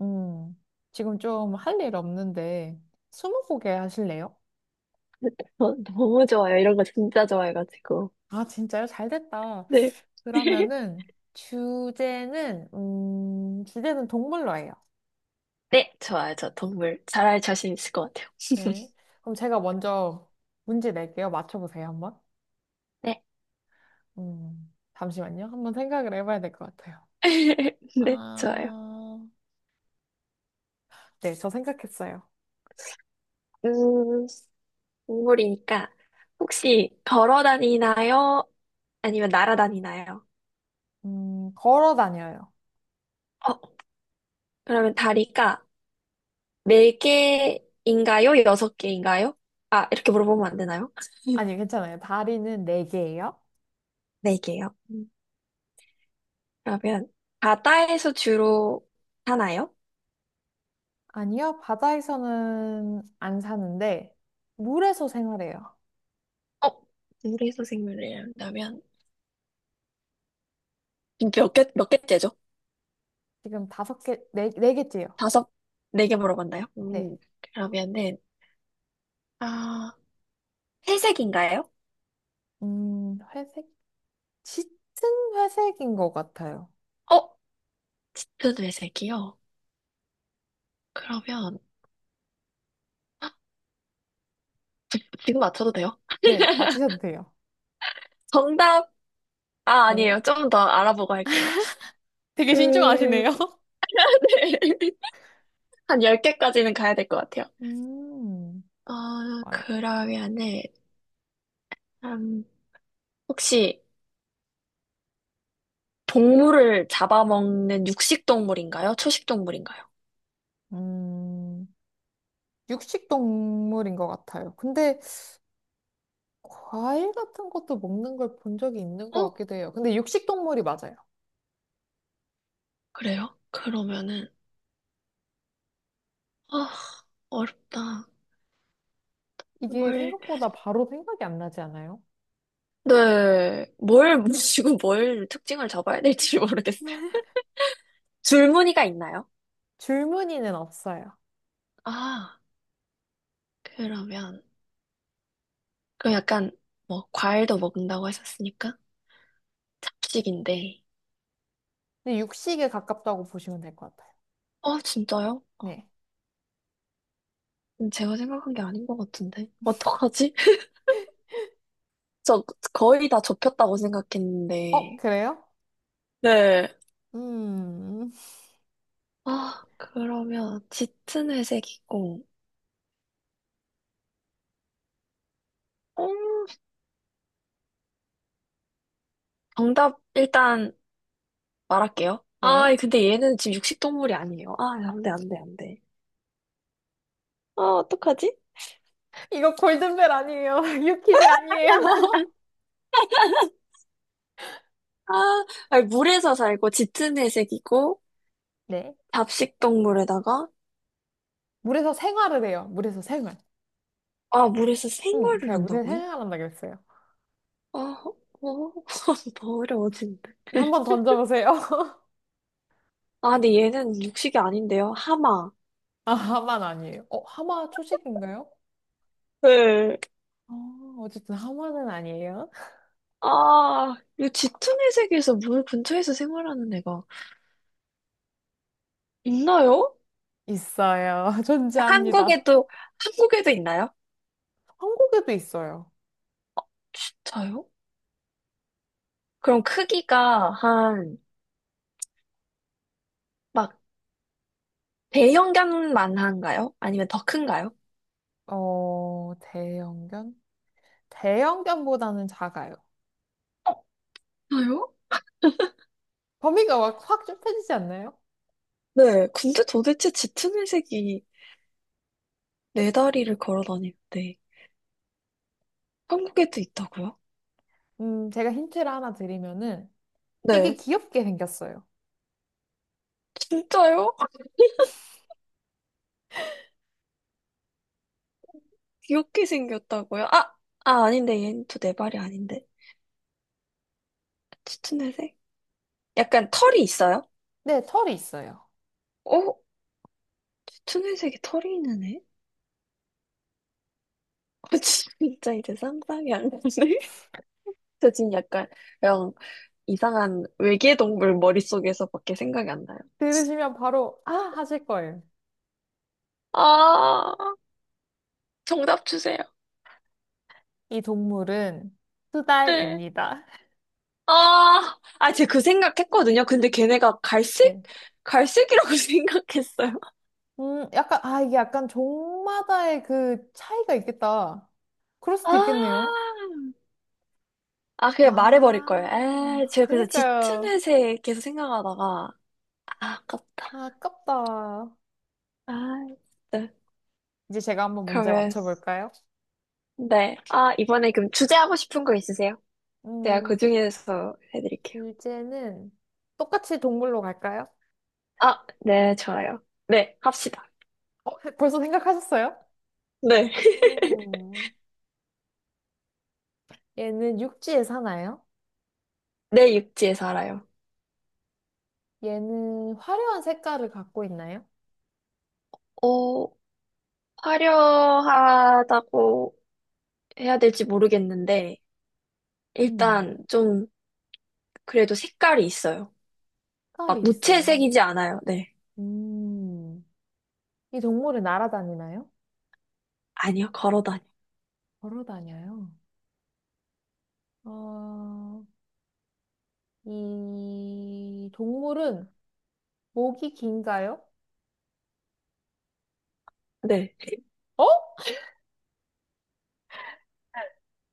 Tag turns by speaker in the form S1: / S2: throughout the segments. S1: 음, 지금 좀 할 일 없는데, 스무고개 하실래요?
S2: 저 너무 좋아요. 이런 거 진짜 좋아해가지고.
S1: 아, 진짜요? 잘 됐다.
S2: 네.
S1: 그러면은, 주제는 동물로 해요.
S2: 네, 좋아요. 저 동물 잘할 자신 있을 것 같아요.
S1: 네. 그럼 제가 먼저 문제 낼게요. 맞춰보세요, 한번.
S2: 네.
S1: 잠시만요. 한번 생각을 해봐야 될 것 같아요.
S2: 네, 좋아요.
S1: 아, 네, 저 생각했어요.
S2: 음, 동물이니까 혹시 걸어 다니나요? 아니면 날아다니나요?
S1: 걸어 다녀요.
S2: 어, 그러면 다리가 네 개인가요? 여섯 개인가요? 아, 이렇게 물어보면 안 되나요?
S1: 아니, 괜찮아요. 다리는 네 개예요.
S2: 네 개요. 그러면 바다에서 주로 사나요?
S1: 아니요, 바다에서는 안 사는데, 물에서 생활해요.
S2: 어, 물에서 생물을 한다면 몇 개째죠?
S1: 지금 다섯 개, 네, 네 개째요.
S2: 다섯, 네 개 물어봤나요?
S1: 네.
S2: 그러면은, 아, 회색인가요?
S1: 회색? 짙은 회색인 것 같아요.
S2: 어? 저도 회색이요? 그러면, 지금 맞춰도 돼요?
S1: 네, 맞히셔도 돼요.
S2: 정답! 아,
S1: 네.
S2: 아니에요. 좀 더 알아보고 할게요.
S1: 되게
S2: 음,
S1: 신중하시네요.
S2: 네. 한 열 개까지는 가야 될 것 같아요.
S1: 음, 좋아요.
S2: 그러면은, 음, 혹시 동물을 잡아먹는 육식 동물인가요? 초식 동물인가요?
S1: 음, 육식 동물인 것 같아요. 근데 과일 같은 것도 먹는 걸 본 적이 있는 것
S2: 어?
S1: 같기도 해요. 근데 육식 동물이 맞아요.
S2: 그래요? 그러면은, 아, 어렵다.
S1: 이게
S2: 뭘,
S1: 생각보다 바로 생각이 안 나지 않아요?
S2: 네, 뭘 모시고 뭘 특징을 잡아야 될지 모르겠어요. 줄무늬가 있나요?
S1: 줄무늬는 없어요.
S2: 아, 그러면, 그럼 약간, 뭐, 과일도 먹는다고 하셨으니까? 잡식인데.
S1: 근데 육식에 가깝다고 보시면 될 것 같아요.
S2: 아, 진짜요?
S1: 네.
S2: 제가 생각한 게 아닌 것 같은데. 어떡하지? 저 거의 다 좁혔다고
S1: 어,
S2: 생각했는데.
S1: 그래요?
S2: 네.
S1: 음,
S2: 아, 그러면, 짙은 회색이고. 어, 정답, 일단, 말할게요.
S1: 네.
S2: 아, 근데 얘는 지금 육식동물이 아니에요. 아, 안 돼, 안 돼, 안 돼. 아, 어떡하지?
S1: 이거 골든벨 아니에요. 유퀴즈 아니에요.
S2: 아, 아니, 물에서 살고 짙은 회색이고
S1: 네.
S2: 잡식 동물에다가
S1: 물에서 생활을 해요. 물에서 생활.
S2: 아, 물에서 생활을
S1: 제가 물에서
S2: 한다고요?
S1: 생활한다 그랬어요.
S2: 아, 어, 더 어려워지는데.
S1: 한번 던져보세요.
S2: 아, 근데 얘는 육식이 아닌데요. 하마.
S1: 아, 하마는 아니에요. 어, 하마 초식인가요?
S2: 네.
S1: 어, 어쨌든 하마는 아니에요.
S2: 아, 이 짙은 회색에서 물 근처에서 생활하는 애가 있나요?
S1: 있어요. 존재합니다.
S2: 한국에도, 한국에도 있나요?
S1: 한국에도 있어요.
S2: 진짜요? 그럼 크기가 한, 막, 대형견만한가요? 아니면 더 큰가요?
S1: 어, 대형견? 대형견보다는 작아요.
S2: 없어요?
S1: 범위가 확, 확 좁혀지지 않나요?
S2: 네, 근데 도대체 짙은 회색이 네 다리를 걸어 다니는데 한국에도 있다고요?
S1: 제가 힌트를 하나 드리면은 되게
S2: 네,
S1: 귀엽게 생겼어요.
S2: 진짜요? 귀엽게 생겼다고요? 아, 아 아닌데 얘는 또 네 발이 아닌데 짙은 회색? 약간 털이 있어요?
S1: 네, 털이 있어요.
S2: 어? 짙은 회색에 털이 있는 애? 아, 진짜 이제 상상이 안 가네. 저 지금 약간 그냥 이상한 외계 동물 머릿속에서밖에 생각이 안 나요.
S1: 들으시면 바로 아 하실 거예요.
S2: 아, 정답 주세요.
S1: 이 동물은
S2: 네.
S1: 수달입니다.
S2: 아, 아, 제가 그 생각했거든요. 근데 걔네가 갈색?
S1: 네.
S2: 갈색이라고 생각했어요.
S1: 약간 아 이게 약간 종마다의 그 차이가 있겠다. 그럴 수도 있겠네요.
S2: 아, 아, 그냥 말해버릴 걸.
S1: 아,
S2: 제가 그래서 짙은
S1: 그니까요.
S2: 회색 계속 생각하다가, 아, 아깝다.
S1: 아, 아깝다.
S2: 아, 진짜.
S1: 이제 제가 한번 문제
S2: 그러면,
S1: 맞춰볼까요?
S2: 네. 아, 이번에 그럼 주제하고 싶은 거 있으세요? 제가
S1: 음,
S2: 그 중에서 해드릴게요.
S1: 주제는 똑같이 동물로 갈까요?
S2: 아, 네, 좋아요. 네, 합시다.
S1: 어, 벌써 생각하셨어요?
S2: 네.
S1: 음. 얘는 육지에 사나요?
S2: 내 육지에 살아요.
S1: 얘는 화려한 색깔을 갖고 있나요?
S2: 어, 화려하다고 해야 될지 모르겠는데,
S1: 음,
S2: 일단 좀 그래도 색깔이 있어요. 막
S1: 색깔이 있어요.
S2: 무채색이지 않아요. 네.
S1: 음, 이 동물은 날아다니나요?
S2: 아니요, 걸어다녀.
S1: 걸어 다녀요. 어, 이 동물은 목이 긴가요?
S2: 네.
S1: 어?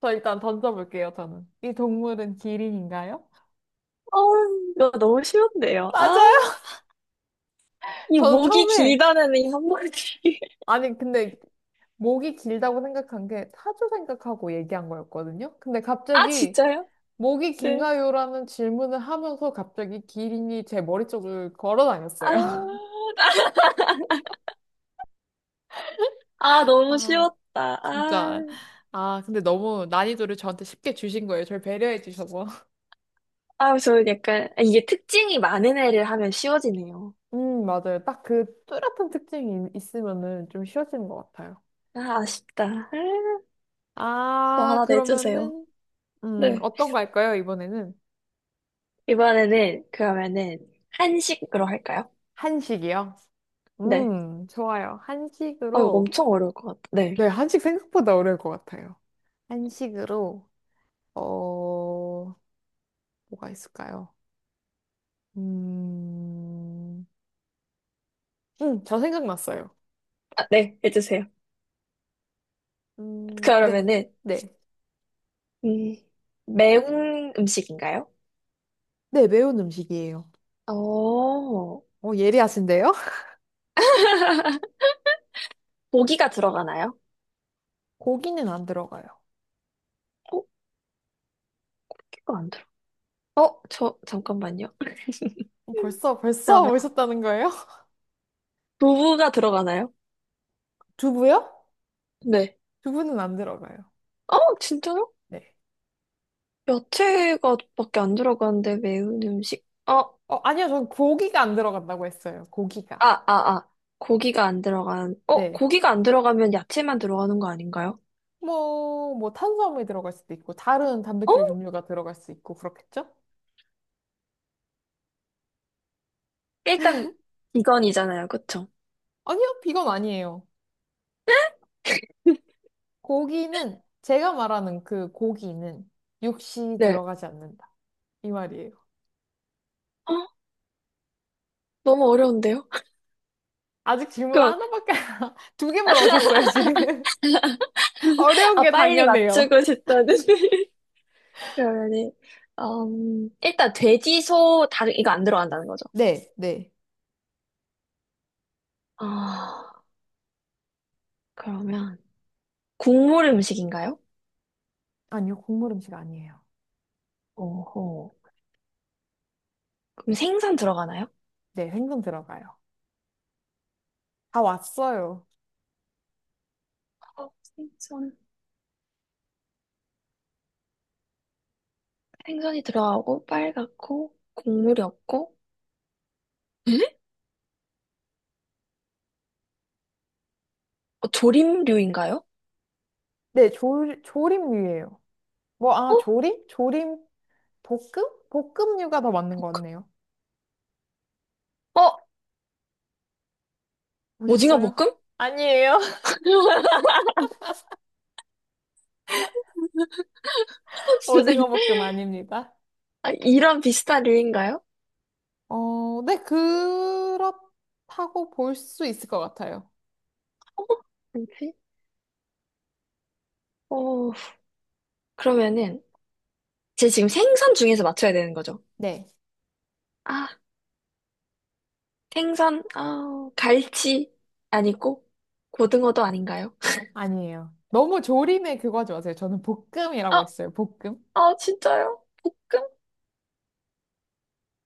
S1: 저 일단 던져볼게요, 저는. 이 동물은 기린인가요?
S2: 어, 이거 너무 쉬운데요. 아,
S1: 맞아요!
S2: 이
S1: 저는
S2: 목이
S1: 처음에,
S2: 길다는 이 한마디.
S1: 아니, 근데 목이 길다고 생각한 게 타조 생각하고 얘기한 거였거든요? 근데
S2: 아,
S1: 갑자기
S2: 진짜요?
S1: 목이
S2: 네.
S1: 긴가요라는 질문을 하면서 갑자기 기린이 제 머리 쪽을 걸어
S2: 아,
S1: 다녔어요.
S2: 아, 너무
S1: 아,
S2: 쉬웠다.
S1: 진짜.
S2: 아,
S1: 아, 근데 너무 난이도를 저한테 쉽게 주신 거예요. 저를 배려해 주셔서.
S2: 아, 저는 약간, 이게 특징이 많은 애를 하면 쉬워지네요.
S1: 맞아요. 딱 그 뚜렷한 특징이 있으면은 좀 쉬워지는 것 같아요.
S2: 아, 아쉽다. 아, 더
S1: 아,
S2: 하나 내주세요.
S1: 그러면은,
S2: 네.
S1: 어떤 거 할까요, 이번에는?
S2: 이번에는, 그러면은, 한식으로 할까요?
S1: 한식이요?
S2: 네.
S1: 좋아요.
S2: 아, 이거
S1: 한식으로.
S2: 엄청 어려울 것 같아. 네.
S1: 네, 한식 생각보다 어려울 것 같아요. 한식으로, 어, 뭐가 있을까요? 음, 저 생각났어요.
S2: 아, 네, 해주세요.
S1: 네,
S2: 그러면은,
S1: 네.
S2: 음, 매운 음식인가요?
S1: 네, 매운 음식이에요.
S2: 어,
S1: 어, 예리하신데요?
S2: 고기가 들어가나요?
S1: 고기는 안 들어가요.
S2: 고기가 안 들어. 저, 잠깐만요.
S1: 어, 벌써
S2: 그러면,
S1: 오셨다는 거예요?
S2: 두부가 들어가나요?
S1: 두부요?
S2: 네.
S1: 두부는 안 들어가요.
S2: 진짜요?
S1: 네.
S2: 야채가 밖에 안 들어가는데 매운 음식?
S1: 어, 아니요, 전 고기가 안 들어간다고 했어요. 고기가.
S2: 아, 아, 아.
S1: 네.
S2: 고기가 안 들어가면 야채만 들어가는 거 아닌가요?
S1: 뭐, 탄수화물이 들어갈 수도 있고, 다른 단백질
S2: 어?
S1: 종류가 들어갈 수 있고, 그렇겠죠?
S2: 일단, 비건이잖아요. 그쵸?
S1: 아니요, 비건 아니에요. 고기는, 제가 말하는 그 고기는 육시
S2: 네.
S1: 들어가지 않는다. 이 말이에요.
S2: 너무 어려운데요?
S1: 아직 질문
S2: 그럼
S1: 하나밖에 두 개 물어보셨어요, 지금. 어려운
S2: 아,
S1: 게
S2: 빨리
S1: 당연해요.
S2: 맞추고 싶다는. 그러면은, 일단 돼지, 소, 닭, 이거 안 들어간다는 거죠.
S1: 네, 네.
S2: 아, 그러면, 국물 음식인가요?
S1: 아니요, 국물 음식 아니에요.
S2: 오호. 그럼 생선 들어가나요?
S1: 네, 생선 들어가요. 다 왔어요.
S2: 어, 생선. 생선이 들어가고, 빨갛고, 국물이 없고, 에? 조림류인가요?
S1: 네, 조림류예요. 뭐, 아,
S2: 어?
S1: 조림? 조림? 볶음? 볶음류가 더 맞는 것 같네요.
S2: 어? 오징어
S1: 오셨어요?
S2: 볶음?
S1: 아니에요. 오징어 볶음 아닙니다.
S2: 아, 이런 비슷한 류인가요?
S1: 어, 네, 그렇다고 볼 수 있을 것 같아요.
S2: 어? 뭐지? 어, 그러면은, 제 지금 생선 중에서 맞춰야 되는 거죠?
S1: 네.
S2: 아, 갈치 아니고 고등어도 아닌가요?
S1: 아니에요. 너무 조림에 그거 하지 마세요. 저는 볶음이라고
S2: 아,
S1: 했어요. 볶음.
S2: 아, 진짜요? 볶음?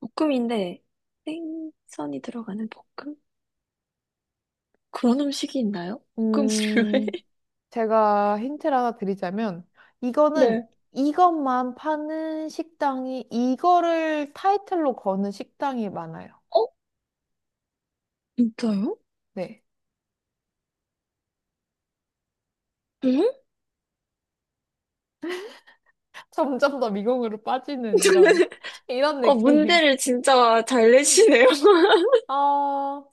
S2: 볶음인데 생선이 들어가는 볶음? 그런 음식이 있나요? 볶음 류에?
S1: 음, 제가 힌트를 하나 드리자면, 이거는
S2: 네.
S1: 이것만 파는 식당이, 이거를 타이틀로 거는 식당이 많아요.
S2: 어? 진짜요?
S1: 네.
S2: 응?
S1: 점점 더 미궁으로 빠지는 이런, 이런 느낌.
S2: 문제를 진짜 잘 내시네요.
S1: 어,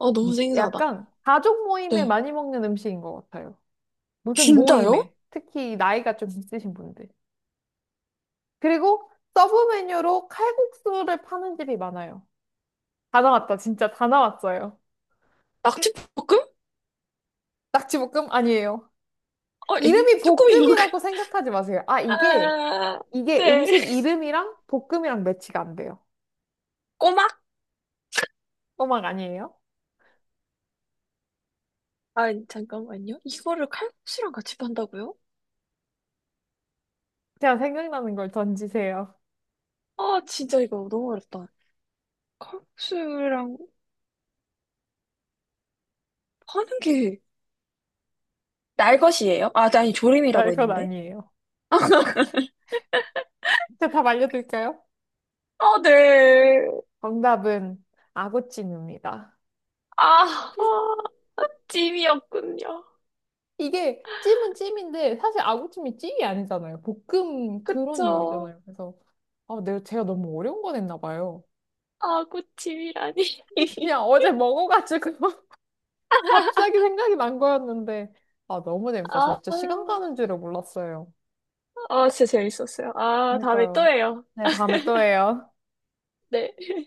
S2: 너무 생소하다.
S1: 약간 가족 모임에
S2: 네.
S1: 많이 먹는 음식인 것 같아요. 무슨
S2: 진짜요?
S1: 모임에, 특히 나이가 좀 있으신 분들. 그리고 서브 메뉴로 칼국수를 파는 집이 많아요. 다 나왔다, 진짜 다 나왔어요.
S2: 낙지볶음?
S1: 낙지볶음 아니에요. 이름이
S2: 쭈꾸미 볶음.
S1: 볶음이라고 생각하지 마세요. 이게,
S2: 아,
S1: 이게
S2: 네.
S1: 음식 이름이랑 볶음이랑 매치가 안 돼요.
S2: 꼬막?
S1: 어막 아니에요?
S2: 아, 잠깐만요. 이거를 칼국수랑 같이 판다고요?
S1: 제가 생각나는 걸 던지세요.
S2: 아, 진짜 이거 너무 어렵다. 칼국수랑 하는 게 날것이에요? 아, 아니,
S1: 나
S2: 조림이라고
S1: 이건
S2: 했는데.
S1: 아니에요. 제가 답 알려드릴까요?
S2: 아 네.
S1: 정답은 아구찜입니다.
S2: 아, 아, 찜이었군요.
S1: 이게 찜은 찜인데 사실 아구찜이 찜이 아니잖아요. 볶음 그런
S2: 그쵸.
S1: 요리잖아요. 그래서 아, 내가 제가 너무 어려운 거 냈나 봐요.
S2: 아, 구찜이라니
S1: 그냥 어제 먹어가지고 갑자기 생각이 난 거였는데 아, 너무 재밌다. 저
S2: 아,
S1: 진짜
S2: 아,
S1: 시간 가는 줄을 몰랐어요.
S2: 아, 진짜 재밌었어요. 아, 다음에 또
S1: 그러니까요.
S2: 해요.
S1: 네, 다음에 또 해요.
S2: 네.